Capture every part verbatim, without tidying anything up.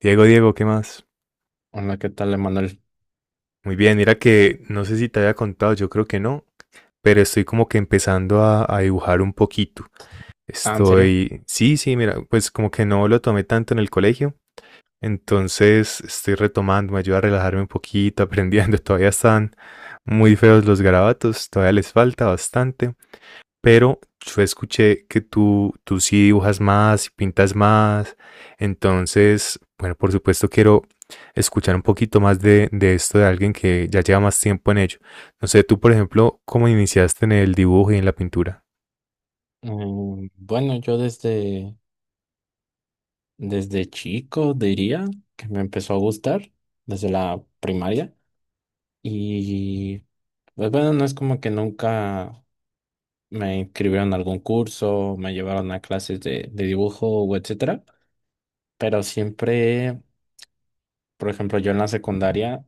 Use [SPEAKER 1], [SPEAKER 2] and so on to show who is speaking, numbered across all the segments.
[SPEAKER 1] Diego, Diego, ¿qué más?
[SPEAKER 2] Hola, ¿qué tal, Emanuel?
[SPEAKER 1] Muy bien, mira que no sé si te había contado, yo creo que no, pero estoy como que empezando a, a dibujar un poquito.
[SPEAKER 2] Ah, ¿en serio?
[SPEAKER 1] Estoy, sí, sí, mira, pues como que no lo tomé tanto en el colegio, entonces estoy retomando, me ayuda a relajarme un poquito, aprendiendo. Todavía están muy feos los garabatos, todavía les falta bastante, pero yo escuché que tú, tú sí dibujas más y pintas más. Entonces, bueno, por supuesto quiero escuchar un poquito más de, de esto de alguien que ya lleva más tiempo en ello. No sé, tú, por ejemplo, ¿cómo iniciaste en el dibujo y en la pintura?
[SPEAKER 2] Mm, bueno, yo desde, desde chico diría que me empezó a gustar desde la primaria, y pues bueno, no es como que nunca me inscribieron a algún curso, me llevaron a clases de, de dibujo o etcétera, pero siempre, por ejemplo, yo en la secundaria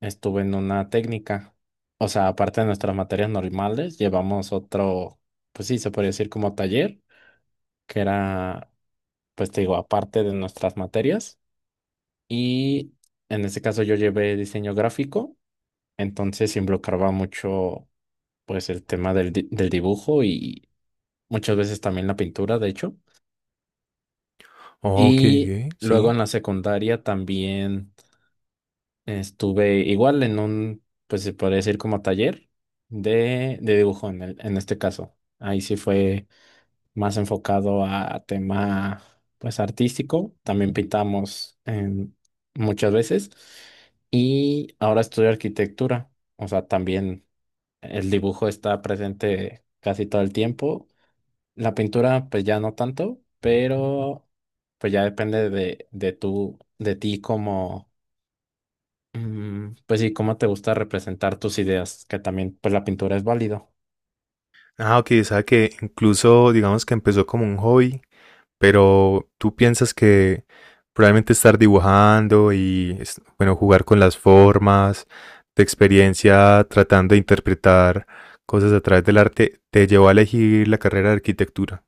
[SPEAKER 2] estuve en una técnica, o sea, aparte de nuestras materias normales, llevamos otro, pues sí, se podría decir como taller, que era, pues te digo, aparte de nuestras materias. Y en ese caso yo llevé diseño gráfico, entonces involucraba mucho, pues, el tema del, di- del dibujo y muchas veces también la pintura, de hecho.
[SPEAKER 1] Oh, ok,
[SPEAKER 2] Y
[SPEAKER 1] ok,
[SPEAKER 2] luego
[SPEAKER 1] sí.
[SPEAKER 2] en la secundaria también estuve igual en un, pues se podría decir como taller de, de dibujo en el, en este caso. Ahí sí fue más enfocado a, a tema pues artístico. También pintamos en- muchas veces. Y ahora estudio arquitectura. O sea, también el dibujo está presente casi todo el tiempo. La pintura, pues ya no tanto, pero pues ya depende de, de tú, de ti, como, mm, pues sí, cómo te gusta representar tus ideas, que también, pues la pintura es válido.
[SPEAKER 1] Ah, ok, o sea que incluso digamos que empezó como un hobby, pero tú piensas que probablemente estar dibujando y, es- bueno, jugar con las formas, tu experiencia tratando de interpretar cosas a través del arte, te llevó a elegir la carrera de arquitectura.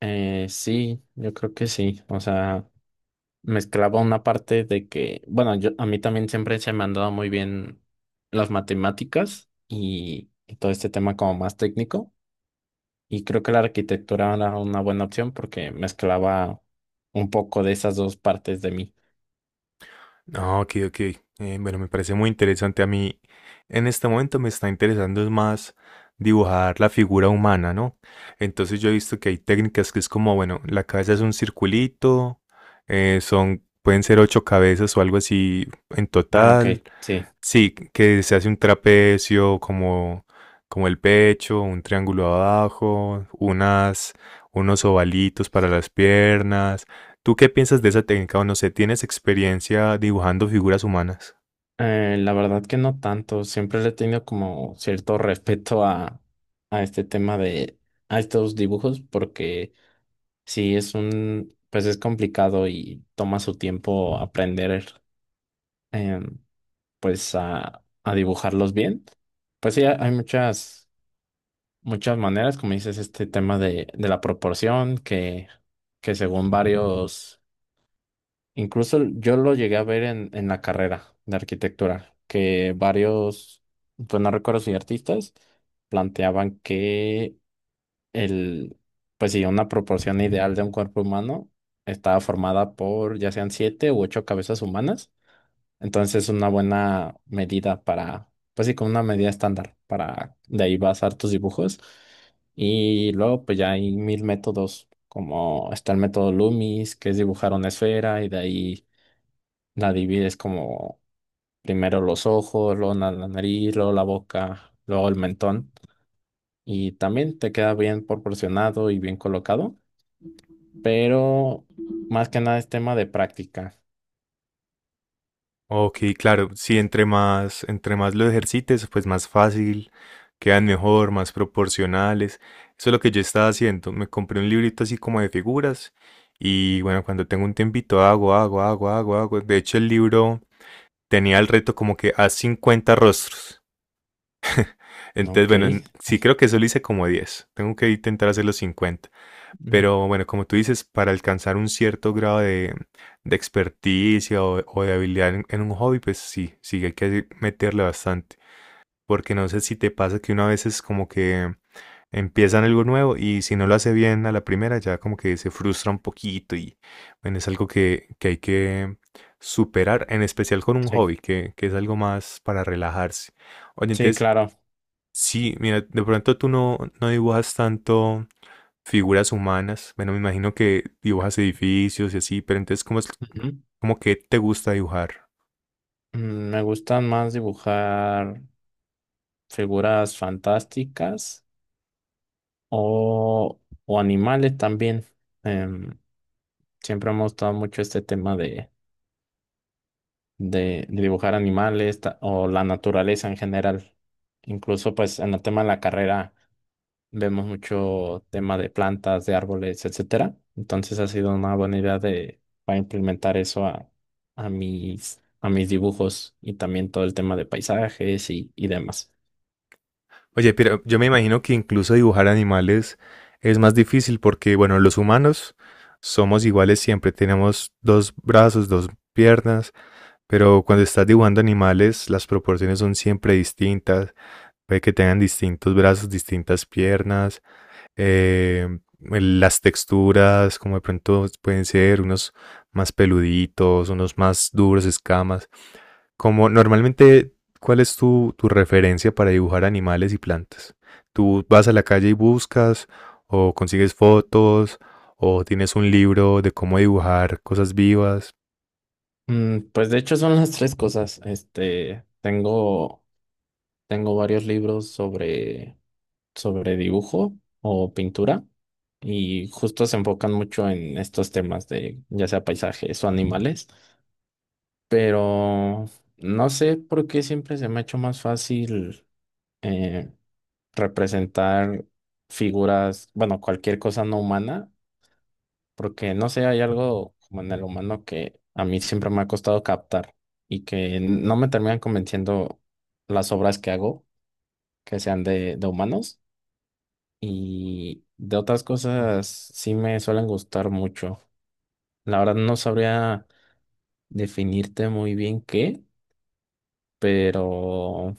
[SPEAKER 2] Eh, sí, yo creo que sí. O sea, mezclaba una parte de que, bueno, yo, a mí también siempre se me han dado muy bien las matemáticas y, y todo este tema como más técnico. Y creo que la arquitectura era una buena opción porque mezclaba un poco de esas dos partes de mí.
[SPEAKER 1] Ah, ok, ok. Eh, bueno, me parece muy interesante. A mí en este momento me está interesando es más dibujar la figura humana, ¿no? Entonces yo he visto que hay técnicas que es como, bueno, la cabeza es un circulito, eh, son, pueden ser ocho cabezas o algo así en
[SPEAKER 2] Ah, ok,
[SPEAKER 1] total.
[SPEAKER 2] sí.
[SPEAKER 1] Sí, que se hace un trapecio como, como el pecho, un triángulo abajo, unas, unos ovalitos para las piernas. ¿Tú qué piensas de esa técnica? O no sé, ¿tienes experiencia dibujando figuras humanas?
[SPEAKER 2] Eh, la verdad que no tanto. Siempre le he tenido como cierto respeto a, a este tema de, a estos dibujos porque sí es un, pues es complicado y toma su tiempo aprender. em, pues a, a dibujarlos bien. Pues sí, hay muchas, muchas maneras, como dices, este tema de, de la proporción, que, que según varios, incluso yo lo llegué a ver en, en la carrera de arquitectura, que varios, pues no recuerdo si artistas, planteaban que el, pues sí, una proporción ideal de un cuerpo humano estaba formada por ya sean siete u ocho cabezas humanas. Entonces es una buena medida para, pues sí, como una medida estándar para de ahí basar tus dibujos. Y luego pues ya hay mil métodos, como está el método Loomis, que es dibujar una esfera y de ahí la divides como primero los ojos, luego na- la nariz, luego la boca, luego el mentón. Y también te queda bien proporcionado y bien colocado, pero más que nada es tema de práctica.
[SPEAKER 1] Ok, claro, sí, entre más, entre más lo ejercites, pues más fácil, quedan mejor, más proporcionales. Eso es lo que yo estaba haciendo. Me compré un librito así como de figuras y bueno, cuando tengo un tiempito hago, hago, hago, hago, hago. De hecho, el libro tenía el reto como que a cincuenta rostros. Entonces,
[SPEAKER 2] Ok.
[SPEAKER 1] bueno, sí creo que solo hice como diez. Tengo que intentar hacer los cincuenta.
[SPEAKER 2] Mm,
[SPEAKER 1] Pero bueno, como tú dices, para alcanzar un cierto grado de, de experticia o, o de habilidad en, en un hobby, pues sí, sí hay que meterle bastante. Porque no sé si te pasa que una vez es como que empiezan algo nuevo y si no lo hace bien a la primera, ya como que se frustra un poquito y bueno, es algo que, que hay que superar, en especial con un
[SPEAKER 2] sí,
[SPEAKER 1] hobby, que, que es algo más para relajarse. Oye,
[SPEAKER 2] sí,
[SPEAKER 1] entonces,
[SPEAKER 2] claro.
[SPEAKER 1] sí, mira, de pronto tú no, no dibujas tanto figuras humanas. Bueno, me imagino que dibujas edificios y así, pero entonces, ¿cómo es, cómo que te gusta dibujar?
[SPEAKER 2] Mm, Me gustan más dibujar figuras fantásticas o, o animales también. Em, Siempre me ha gustado mucho este tema de, de- de dibujar animales, ta- o la naturaleza en general. Incluso pues en el tema de la carrera vemos mucho tema de plantas, de árboles, etcétera. Entonces ha sido una buena idea de, para implementar eso a, a mis, a mis dibujos, y también todo el tema de paisajes y, y demás.
[SPEAKER 1] Oye, pero yo me imagino que incluso dibujar animales es más difícil porque, bueno, los humanos somos iguales siempre, tenemos dos brazos, dos piernas, pero cuando estás dibujando animales, las proporciones son siempre distintas. Puede que tengan distintos brazos, distintas piernas, eh, el- las texturas, como de pronto pueden ser unos más peluditos, unos más duros, escamas. Como normalmente, ¿cuál es tu, tu referencia para dibujar animales y plantas? ¿Tú vas a la calle y buscas, o consigues fotos, o tienes un libro de cómo dibujar cosas vivas?
[SPEAKER 2] Mm, pues de hecho son las tres cosas. Este, tengo, tengo varios libros sobre, sobre dibujo o pintura, y justo se enfocan mucho en estos temas de ya sea paisajes o animales, pero no sé por qué siempre se me ha hecho más fácil, eh, representar figuras, bueno, cualquier cosa no humana, porque no sé, hay algo como en el humano que a mí siempre me ha costado captar y que no me terminan convenciendo las obras que hago, que sean de, de humanos, y de otras cosas sí me suelen gustar mucho. La verdad no sabría definirte muy bien qué, pero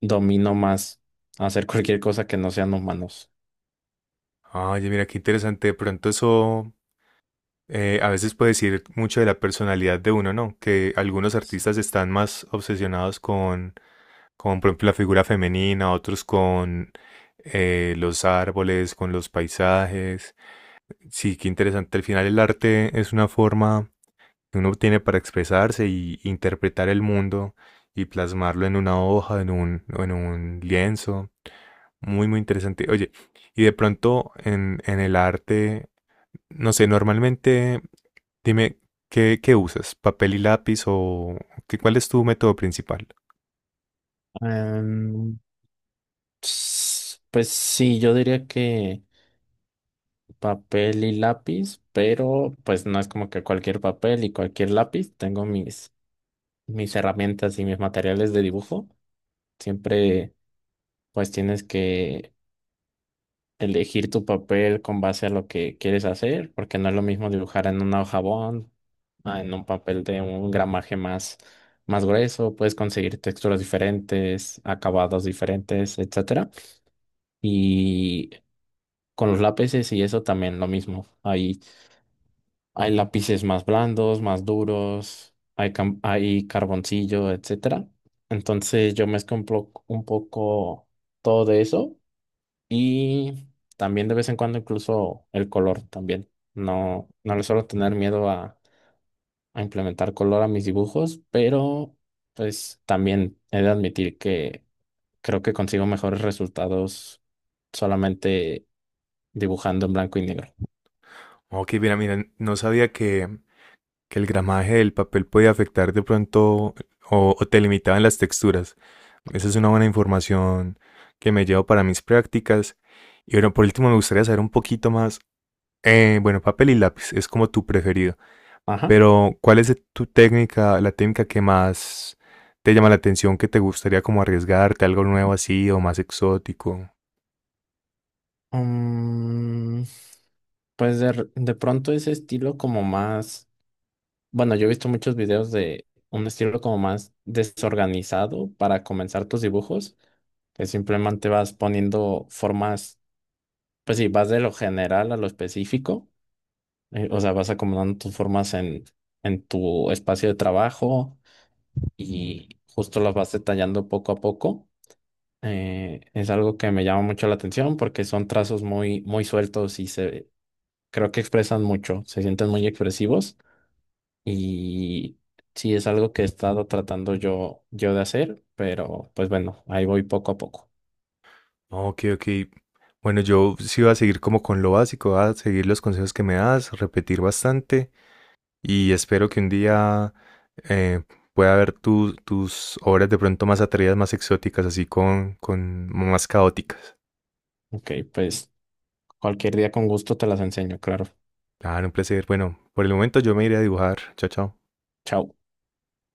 [SPEAKER 2] domino más hacer cualquier cosa que no sean humanos.
[SPEAKER 1] Oye, mira, qué interesante. De pronto eso eh, a veces puede decir mucho de la personalidad de uno, ¿no? Que algunos
[SPEAKER 2] Sí.
[SPEAKER 1] artistas están más obsesionados con, con por ejemplo, la figura femenina, otros con eh, los árboles, con los paisajes. Sí, qué interesante. Al final el arte es una forma que uno tiene para expresarse y interpretar el mundo y plasmarlo en una hoja, en un, o en un lienzo. Muy, muy interesante. Oye, y de pronto en, en el arte, no sé, normalmente dime, ¿qué, qué usas? ¿Papel y lápiz o qué, cuál es tu método principal?
[SPEAKER 2] Em, s- pues sí, yo diría que papel y lápiz, pero pues no es como que cualquier papel y cualquier lápiz. Tengo mis, mis herramientas y mis materiales de dibujo. Siempre pues tienes que elegir tu papel con base a lo que quieres hacer, porque no es lo mismo dibujar en una hoja bond, a en un papel de un gramaje más, más grueso. Puedes conseguir texturas diferentes, acabados diferentes, etcétera. Y con los lápices y eso también lo mismo. Hay Hay lápices más blandos, más duros, hay, cam- hay carboncillo, etcétera. Entonces yo mezclo un, plo- un poco todo de eso, y también de vez en cuando incluso el color también. No, no le suelo tener miedo a, a implementar color a mis dibujos, pero pues también he de admitir que creo que consigo mejores resultados solamente dibujando en blanco y negro.
[SPEAKER 1] Ok, mira, mira, no sabía que, que el gramaje del papel podía afectar de pronto o, o te limitaban las texturas. Esa es una buena información que me llevo para mis prácticas. Y bueno, por último me gustaría saber un poquito más. Eh, bueno, papel y lápiz es como tu preferido,
[SPEAKER 2] Ajá.
[SPEAKER 1] pero ¿cuál es tu técnica, la técnica que más te llama la atención, que te gustaría como arriesgarte, algo nuevo así o más exótico?
[SPEAKER 2] Mm, pues de, r- de pronto ese estilo como más, bueno, yo he visto muchos videos de un estilo como más desorganizado para comenzar tus dibujos, que simplemente vas poniendo formas, pues sí, vas de lo general a lo específico, eh, o sea, vas acomodando tus formas en, en tu espacio de trabajo, y justo las vas detallando poco a poco. Eh, es algo que me llama mucho la atención porque son trazos muy, muy sueltos y se, creo que expresan mucho, se sienten muy expresivos, y sí es algo que he estado tratando yo, yo de hacer, pero pues bueno, ahí voy poco a poco.
[SPEAKER 1] Ok, ok. Bueno, yo sí voy a seguir como con lo básico, voy a seguir los consejos que me das, repetir bastante y espero que un día eh, pueda ver tu- tus obras de pronto más atrevidas, más exóticas, así con, con más caóticas.
[SPEAKER 2] Ok, pues cualquier día con gusto te las enseño, claro.
[SPEAKER 1] Claro, un placer. Bueno, por el momento yo me iré a dibujar. Chao, chao.
[SPEAKER 2] Chao.